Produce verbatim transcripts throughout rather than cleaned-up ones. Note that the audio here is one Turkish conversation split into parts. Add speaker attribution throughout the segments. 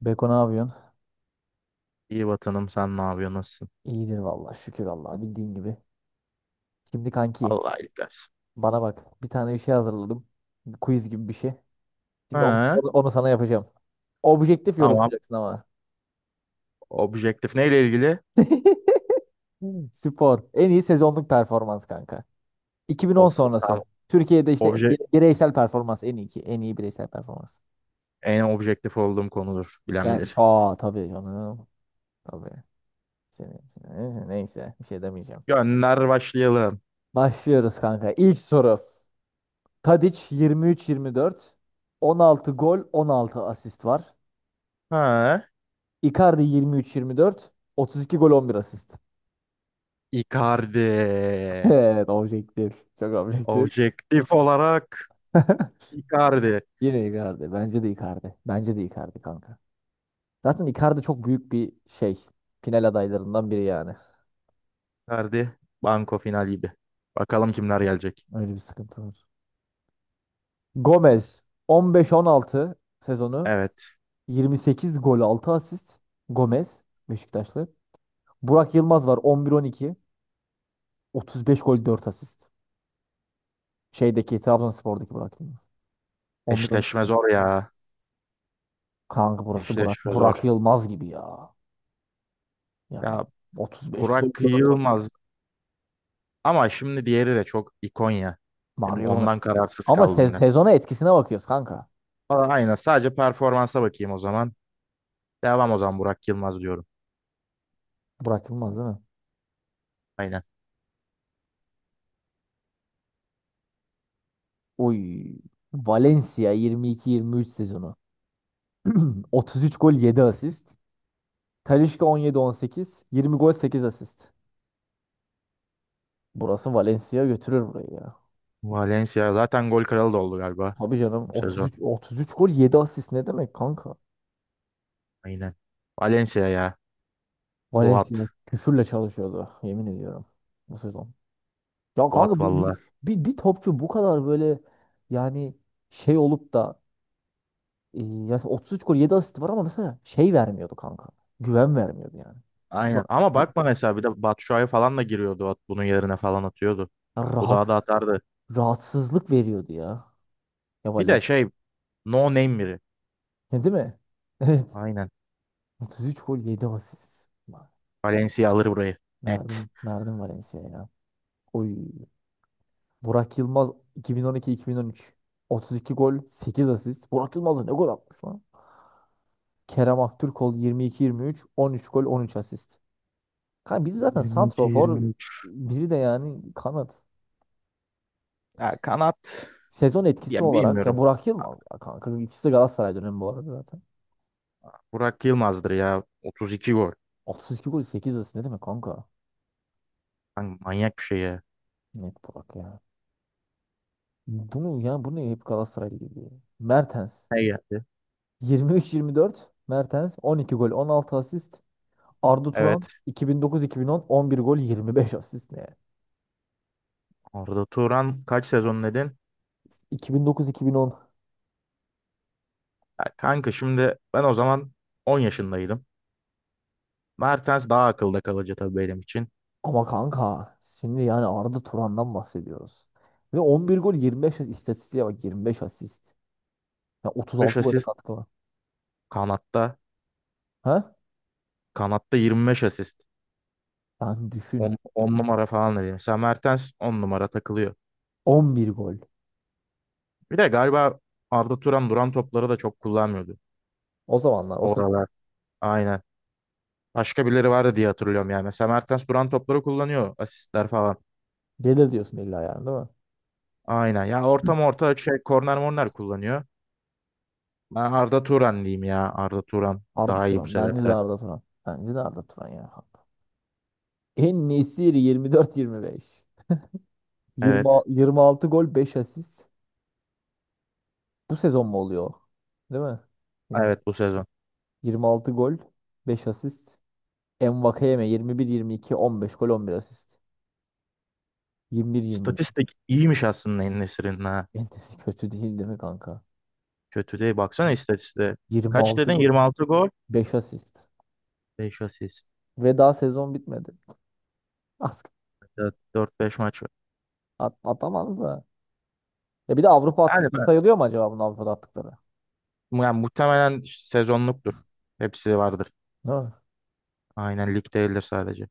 Speaker 1: Beko ne yapıyorsun?
Speaker 2: İyi vatanım sen ne yapıyorsun nasılsın?
Speaker 1: İyidir vallahi şükür Allah'a bildiğin gibi. Şimdi kanki
Speaker 2: Allah iyilik versin.
Speaker 1: bana bak bir tane bir şey hazırladım. Bir quiz gibi bir şey. Şimdi onu,
Speaker 2: Ha,
Speaker 1: onu, onu sana yapacağım. Objektif
Speaker 2: tamam.
Speaker 1: yorumlayacaksın ama.
Speaker 2: Objektif neyle ilgili?
Speaker 1: Spor. En iyi sezonluk performans kanka. iki bin on
Speaker 2: Of, tamam.
Speaker 1: sonrası. Türkiye'de işte
Speaker 2: Obje
Speaker 1: bire- bireysel performans en iyi ki. En iyi bireysel performans.
Speaker 2: En objektif olduğum konudur. Bilen
Speaker 1: Sen
Speaker 2: bilir.
Speaker 1: aa tabii canım. Tabii. Senin, neyse bir şey demeyeceğim.
Speaker 2: Gönder başlayalım.
Speaker 1: Başlıyoruz kanka. İlk soru. Tadic yirmi üç yirmi dört. on altı gol, on altı asist var.
Speaker 2: Ha,
Speaker 1: Icardi yirmi üç yirmi dört. otuz iki gol, on bir asist.
Speaker 2: Icardi.
Speaker 1: Evet, objektif. Çok objektif.
Speaker 2: Objektif olarak Icardi.
Speaker 1: Yine Icardi. Bence de Icardi. Bence de Icardi kanka. Zaten Icardi çok büyük bir şey. Final adaylarından biri yani.
Speaker 2: Icardi banko final gibi. Bakalım kimler gelecek.
Speaker 1: Öyle bir sıkıntı var. Gomez on beş on altı sezonu.
Speaker 2: Evet.
Speaker 1: yirmi sekiz gol, altı asist. Gomez Beşiktaşlı. Burak Yılmaz var on bir on iki. otuz beş gol, dört asist. Şeydeki Trabzonspor'daki Burak Yılmaz.
Speaker 2: Eşleşme
Speaker 1: on bir on iki
Speaker 2: zor ya.
Speaker 1: kanka burası Burak.
Speaker 2: Eşleşme
Speaker 1: Burak
Speaker 2: zor.
Speaker 1: Yılmaz gibi ya. Yani
Speaker 2: Ya
Speaker 1: otuz beş gol
Speaker 2: Burak
Speaker 1: dört asist.
Speaker 2: Yılmaz ama şimdi diğeri de çok ikon ya.
Speaker 1: Mario Gomez.
Speaker 2: Ondan kararsız
Speaker 1: Ama
Speaker 2: kaldım
Speaker 1: se-
Speaker 2: biraz.
Speaker 1: sezona etkisine bakıyoruz kanka.
Speaker 2: Aa, aynen. Sadece performansa bakayım o zaman. Devam o zaman Burak Yılmaz diyorum.
Speaker 1: Burak Yılmaz değil mi?
Speaker 2: Aynen.
Speaker 1: Oy. Valencia yirmi iki yirmi üç sezonu. otuz üç gol yedi asist. Talisca on yedi on sekiz. yirmi gol sekiz asist. Burası Valencia götürür burayı ya.
Speaker 2: Valencia zaten gol kralı da oldu galiba
Speaker 1: Tabii canım
Speaker 2: bu sezon.
Speaker 1: otuz üç otuz üç gol yedi asist ne demek kanka?
Speaker 2: Aynen. Valencia ya.
Speaker 1: Valencia
Speaker 2: Boat.
Speaker 1: küfürle çalışıyordu yemin ediyorum bu sezon. Ya
Speaker 2: Boat
Speaker 1: kanka bir, bir,
Speaker 2: valla.
Speaker 1: bir, bir topçu bu kadar böyle yani şey olup da e, yani otuz üç gol yedi asist var ama mesela şey vermiyordu kanka. Güven vermiyordu yani. Ya
Speaker 2: Aynen. Ama bakma mesela bir de Batshuayi falan da giriyordu. at- Bunun yerine falan atıyordu. Bu daha da
Speaker 1: Rahat,
Speaker 2: atardı.
Speaker 1: rahatsızlık veriyordu ya. Ya
Speaker 2: Bir de
Speaker 1: Valez.
Speaker 2: şey no name biri.
Speaker 1: Ne değil mi? Evet.
Speaker 2: Aynen.
Speaker 1: otuz üç gol yedi asist. Vay.
Speaker 2: Valencia alır burayı. Net.
Speaker 1: Verdim, verdim Valencia'ya ya. Oy. Burak Yılmaz iki bin on iki-iki bin on üç. otuz iki gol sekiz asist. Burak Yılmaz da ne gol atmış lan? Kerem Aktürkoğlu yirmi iki yirmi üç. on üç gol on üç asist. Kanka biri zaten santrofor,
Speaker 2: yirmi iki yirmi üç.
Speaker 1: biri de yani kanat.
Speaker 2: Ya kanat
Speaker 1: Sezon
Speaker 2: ya
Speaker 1: etkisi olarak ya
Speaker 2: bilmiyorum.
Speaker 1: Burak Yılmaz ya kanka. İkisi de Galatasaray dönemi bu arada zaten.
Speaker 2: Burak Yılmaz'dır ya. Otuz iki gol.
Speaker 1: Otuz iki gol sekiz asist ne demek kanka?
Speaker 2: Lan manyak bir şey ya.
Speaker 1: Net Burak ya. Bunu yani bunu hep Galatasaray'la geliyor. Mertens
Speaker 2: Ne geldi?
Speaker 1: yirmi üç yirmi dört Mertens on iki gol on altı asist. Arda Turan
Speaker 2: Evet.
Speaker 1: iki iki bin dokuz-iki bin dokuz on on bir gol yirmi beş asist ne? İki
Speaker 2: Arda Turan kaç sezon dedin?
Speaker 1: iki bin dokuz bin on
Speaker 2: Ya kanka şimdi ben o zaman on yaşındaydım. Mertens daha akılda kalıcı tabii benim için.
Speaker 1: ama kanka şimdi yani Arda Turan'dan bahsediyoruz. Ve on bir gol yirmi beş asist istatistiğe bak yirmi beş asist. Ya otuz altı
Speaker 2: beş
Speaker 1: gole
Speaker 2: asist
Speaker 1: katkı var.
Speaker 2: kanatta.
Speaker 1: Ha?
Speaker 2: Kanatta yirmi beş asist.
Speaker 1: Ben düşün.
Speaker 2: on numara falan dedim. Mesela Mertens on numara takılıyor.
Speaker 1: on bir gol.
Speaker 2: Bir de galiba Arda Turan duran topları da çok kullanmıyordu.
Speaker 1: O zamanlar o sezon.
Speaker 2: Oralar. Aynen. Başka birileri vardı diye hatırlıyorum yani. Mesela Mertens duran topları kullanıyor. Asistler falan.
Speaker 1: Gelir diyorsun illa yani değil mi?
Speaker 2: Aynen. Ya orta orta şey korner morner kullanıyor. Ben Arda Turan diyeyim ya. Arda Turan
Speaker 1: Arda
Speaker 2: daha iyi bu
Speaker 1: Turan. Bence de
Speaker 2: sebepten.
Speaker 1: Arda Turan. Bence de Arda Turan ya. En Nesiri yirmi dört yirmi beş. yirmi,
Speaker 2: Evet.
Speaker 1: yirmi altı gol beş asist. Bu sezon mu oluyor o? Değil mi? Bilmiyorum.
Speaker 2: Evet, bu sezon.
Speaker 1: yirmi altı gol beş asist. Envakayeme yirmi bir yirmi iki on beş gol on bir asist. yirmi bir yirmi iki.
Speaker 2: İstatistik iyiymiş aslında en ha.
Speaker 1: Entesi kötü değil değil mi kanka?
Speaker 2: Kötü değil. Baksana istatistiğe. Kaç
Speaker 1: yirmi altı
Speaker 2: dedin?
Speaker 1: gol
Speaker 2: yirmi altı gol.
Speaker 1: beş asist.
Speaker 2: beş asist.
Speaker 1: Ve daha sezon bitmedi. As-
Speaker 2: dört beş maç var.
Speaker 1: At, atamaz da. Ya bir de Avrupa
Speaker 2: Yani
Speaker 1: attıkları
Speaker 2: ben,
Speaker 1: sayılıyor mu acaba bunun Avrupa'da attıkları?
Speaker 2: yani muhtemelen sezonluktur. Hepsi vardır.
Speaker 1: Ne?
Speaker 2: Aynen, lig değildir sadece.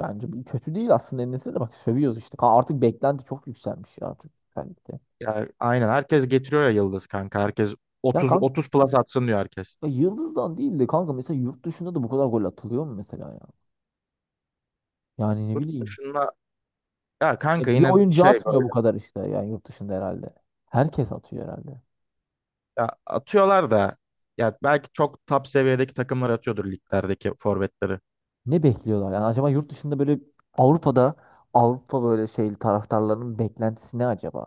Speaker 1: Bence bir- kötü değil aslında en de bak sövüyoruz işte. Ka- Artık beklenti çok yükselmiş ya artık. Özellikle.
Speaker 2: Ya, aynen herkes getiriyor ya Yıldız kanka. Herkes
Speaker 1: Ya
Speaker 2: 30
Speaker 1: kanka
Speaker 2: 30 plus atsın diyor herkes.
Speaker 1: Yıldız'dan değil de kanka mesela yurt dışında da bu kadar gol atılıyor mu mesela ya? Yani ne
Speaker 2: Yurt
Speaker 1: bileyim.
Speaker 2: dışında ya kanka,
Speaker 1: Ya bir
Speaker 2: yine
Speaker 1: oyuncu
Speaker 2: şey
Speaker 1: atmıyor
Speaker 2: böyle,
Speaker 1: bu kadar işte yani yurt dışında herhalde. Herkes atıyor herhalde.
Speaker 2: ya atıyorlar da, ya belki çok top seviyedeki takımlar atıyordur liglerdeki forvetleri.
Speaker 1: Ne bekliyorlar yani acaba yurt dışında böyle Avrupa'da Avrupa böyle şey taraftarlarının beklentisi ne acaba?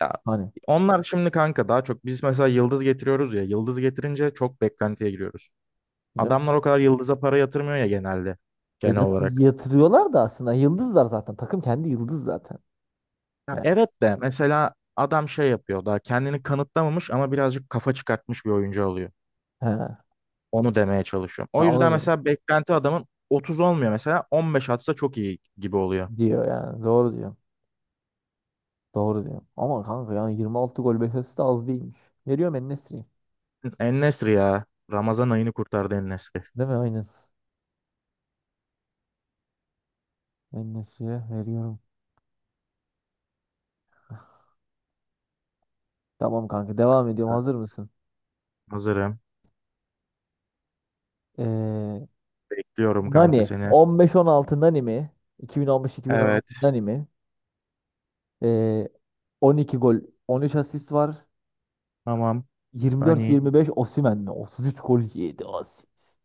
Speaker 2: Ya
Speaker 1: Hani
Speaker 2: onlar şimdi kanka daha çok biz mesela yıldız getiriyoruz ya, yıldız getirince çok beklentiye giriyoruz.
Speaker 1: değil mi?
Speaker 2: Adamlar o kadar yıldıza para yatırmıyor ya, genelde
Speaker 1: Ya
Speaker 2: genel
Speaker 1: yat-
Speaker 2: olarak.
Speaker 1: yatırıyorlar da aslında yıldızlar zaten. Takım kendi yıldız zaten.
Speaker 2: Ya
Speaker 1: Yani
Speaker 2: evet de, mesela adam şey yapıyor, daha kendini kanıtlamamış ama birazcık kafa çıkartmış bir oyuncu alıyor.
Speaker 1: he.
Speaker 2: Onu demeye çalışıyorum.
Speaker 1: Ben
Speaker 2: O
Speaker 1: onu
Speaker 2: yüzden
Speaker 1: diyorum.
Speaker 2: mesela beklenti adamın otuz olmuyor, mesela on beş atsa çok iyi gibi oluyor.
Speaker 1: Diyor yani. Doğru diyor. Doğru diyor. Ama kanka yani yirmi altı gol beklentisi de az değilmiş. Veriyorum en. Değil
Speaker 2: En-Nesyri ya. Ramazan ayını kurtardı En-Nesyri.
Speaker 1: mi? Aynen. En veriyorum. Tamam
Speaker 2: Tamam.
Speaker 1: kanka devam ediyorum. Hazır mısın?
Speaker 2: Hazırım.
Speaker 1: Ee,
Speaker 2: Bekliyorum kanka
Speaker 1: Nani.
Speaker 2: seni.
Speaker 1: on beş on altı Nani mi? iki bin on beş-iki bin on altı
Speaker 2: Evet.
Speaker 1: Nani mi? Ee, on iki gol on üç asist var.
Speaker 2: Tamam. Hani.
Speaker 1: yirmi dört yirmi beş Osimhen mi? otuz üç gol yedi asist.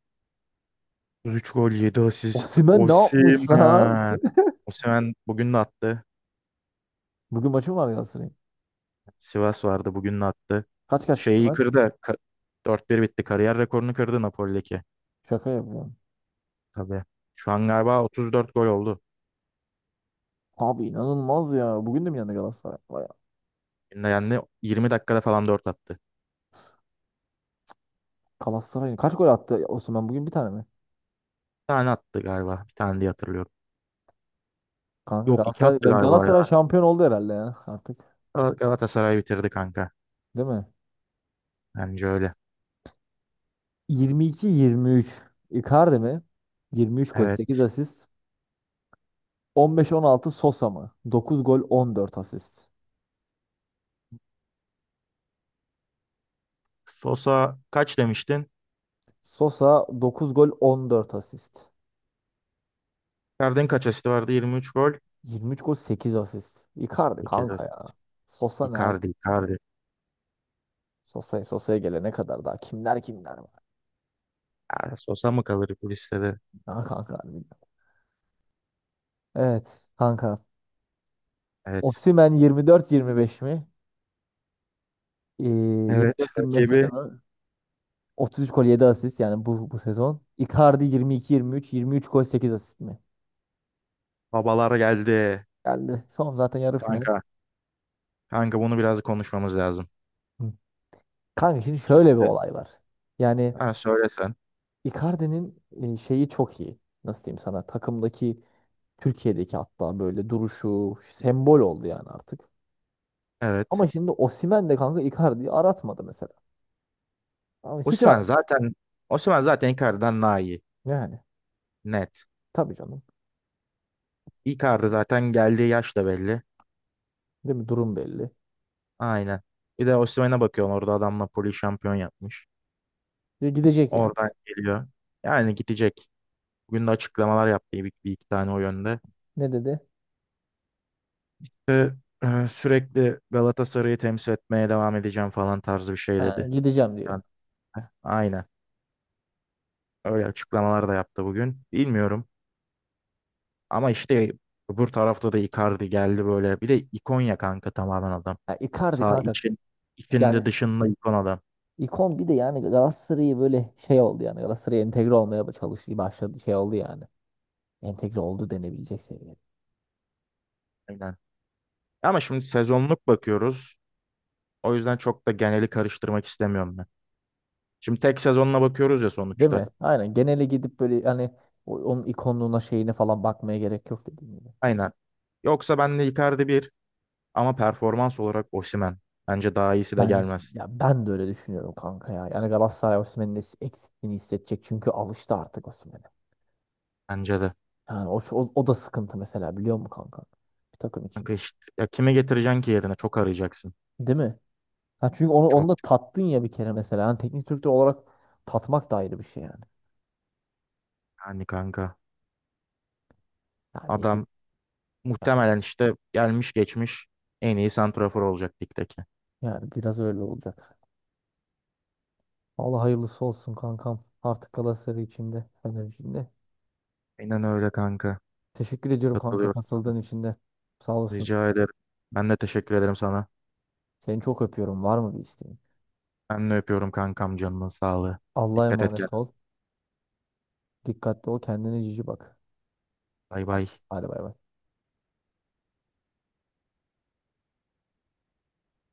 Speaker 2: üç gol yedi asist.
Speaker 1: Osimhen ne yapmış lan?
Speaker 2: Osimhen. Osimhen bugün de attı.
Speaker 1: Bugün maçı mı var Galatasaray'ın?
Speaker 2: Sivas vardı, bugün de attı.
Speaker 1: Kaç kaç bitti
Speaker 2: Şeyi
Speaker 1: maç?
Speaker 2: kırdı. Ka- dört bir bitti. Kariyer rekorunu kırdı Napoli'deki.
Speaker 1: Şaka yapıyorum.
Speaker 2: Tabii. Şu an galiba otuz dört gol oldu.
Speaker 1: Abi inanılmaz ya. Bugün de mi yendi Galatasaray? Vay,
Speaker 2: Bugün de yendi. yirmi dakikada falan dört attı.
Speaker 1: Galatasaray kaç gol attı Osman bugün bir tane mi?
Speaker 2: Bir tane attı galiba. Bir tane diye hatırlıyorum.
Speaker 1: Kanka
Speaker 2: Yok, iki
Speaker 1: Galatasaray,
Speaker 2: attı galiba ya.
Speaker 1: Galatasaray şampiyon oldu herhalde ya artık.
Speaker 2: Gal- Galatasaray bitirdi kanka.
Speaker 1: Değil mi?
Speaker 2: Bence öyle.
Speaker 1: yirmi iki yirmi üç. Icardi mi? Yirmi üç gol sekiz
Speaker 2: Evet.
Speaker 1: asist. On beş on altı Sosa mı? Dokuz gol on dört asist.
Speaker 2: Sosa kaç demiştin?
Speaker 1: Sosa dokuz gol on dört asist.
Speaker 2: Icardi'nin kaç asisti vardı? yirmi üç gol.
Speaker 1: Yirmi üç gol sekiz asist. Icardi
Speaker 2: sekiz
Speaker 1: kanka ya.
Speaker 2: asist.
Speaker 1: Sosa ne hal?
Speaker 2: Icardi, Icardi.
Speaker 1: Sosa'ya Sosa'ya gelene kadar daha kimler kimler var.
Speaker 2: Aa, Sosa mı kalır bu listede?
Speaker 1: Ha kanka harbiden. Evet kanka.
Speaker 2: Evet.
Speaker 1: Osimhen yirmi dört yirmi beş mi? Ee,
Speaker 2: Evet,
Speaker 1: yirmi dört yirmi beş
Speaker 2: rakibi.
Speaker 1: sezonu otuz üç gol yedi asist yani bu bu sezon. Icardi yirmi iki yirmi üç yirmi üç gol sekiz asist mi?
Speaker 2: Babalar geldi.
Speaker 1: Geldi. Son zaten yarı final.
Speaker 2: Kanka. Kanka bunu biraz konuşmamız lazım.
Speaker 1: Hı. Kanka şimdi şöyle bir
Speaker 2: Şimdi.
Speaker 1: olay var. Yani
Speaker 2: Ha, söylesen.
Speaker 1: Icardi'nin e, şeyi çok iyi. Nasıl diyeyim sana? Takımdaki Türkiye'deki hatta böyle duruşu sembol oldu yani artık.
Speaker 2: Evet.
Speaker 1: Ama şimdi Osimhen de kanka Icardi'yi aratmadı mesela. Ama hiç
Speaker 2: Osimhen
Speaker 1: arat
Speaker 2: zaten Osimhen zaten Icardi'den daha iyi.
Speaker 1: yani.
Speaker 2: Net.
Speaker 1: Tabii canım.
Speaker 2: Icardi zaten, geldiği yaş da belli.
Speaker 1: Değil mi? Durum belli.
Speaker 2: Aynen. Bir de Osimhen'e bakıyorsun, orada adam Napoli şampiyon yapmış.
Speaker 1: Diyor, gidecek yani.
Speaker 2: Oradan geliyor. Yani gidecek. Bugün de açıklamalar yaptı, bir, bir iki tane o yönde.
Speaker 1: Ne dedi?
Speaker 2: Ve e, sürekli Galatasaray'ı temsil etmeye devam edeceğim falan tarzı bir şey
Speaker 1: Ha,
Speaker 2: dedi.
Speaker 1: gideceğim diyor.
Speaker 2: Aynen. Öyle açıklamalar da yaptı bugün. Bilmiyorum. Ama işte öbür tarafta da Icardi geldi böyle. Bir de ikon ya kanka, tamamen adam.
Speaker 1: Ya Icardi
Speaker 2: Sağ
Speaker 1: kanka
Speaker 2: için,
Speaker 1: yani
Speaker 2: içinde dışında ikon adam.
Speaker 1: ikon bir de yani Galatasaray'ı böyle şey oldu yani Galatasaray'a entegre olmaya çalıştığı başladı şey oldu yani. Entegre oldu denebilecek seviyede.
Speaker 2: Aynen. Ama şimdi sezonluk bakıyoruz. O yüzden çok da geneli karıştırmak istemiyorum ben. Şimdi tek sezonla bakıyoruz ya
Speaker 1: Değil
Speaker 2: sonuçta.
Speaker 1: mi? Aynen genele gidip böyle hani o- onun ikonluğuna şeyine falan bakmaya gerek yok dediğim gibi.
Speaker 2: Aynen. Yoksa ben de Icardi, bir ama performans olarak Osimhen. Bence daha iyisi de
Speaker 1: Ben
Speaker 2: gelmez.
Speaker 1: ya ben de öyle düşünüyorum kanka ya. Yani Galatasaray Osimhen'in es- eksikliğini hissedecek çünkü alıştı artık Osimhen'e.
Speaker 2: Bence de.
Speaker 1: Yani o, o, o da sıkıntı mesela biliyor musun kanka? Bir takım için.
Speaker 2: Kanka işte, ya kime getireceksin ki yerine? Çok arayacaksın.
Speaker 1: Değil mi? Ha çünkü onu onu
Speaker 2: Çok
Speaker 1: da tattın ya bir kere mesela. Yani teknik direktör olarak tatmak da ayrı bir şey yani.
Speaker 2: yani kanka.
Speaker 1: Yani bir,
Speaker 2: Adam muhtemelen işte gelmiş geçmiş en iyi santrafor olacak ligdeki.
Speaker 1: yani biraz öyle olacak. Allah hayırlısı olsun kankam. Artık Galatasaray içinde, Fener içinde.
Speaker 2: Aynen öyle kanka.
Speaker 1: Teşekkür ediyorum kanka
Speaker 2: Katılıyorum.
Speaker 1: katıldığın için de. Sağ olasın.
Speaker 2: Rica ederim. Ben de teşekkür ederim sana.
Speaker 1: Seni çok öpüyorum. Var mı bir isteğin?
Speaker 2: Ben de öpüyorum kankam, canının sağlığı.
Speaker 1: Allah'a
Speaker 2: Dikkat et
Speaker 1: emanet
Speaker 2: kendine.
Speaker 1: ol. Dikkatli ol. Kendine cici bak.
Speaker 2: Bay
Speaker 1: Hadi,
Speaker 2: bay.
Speaker 1: hadi bay bay.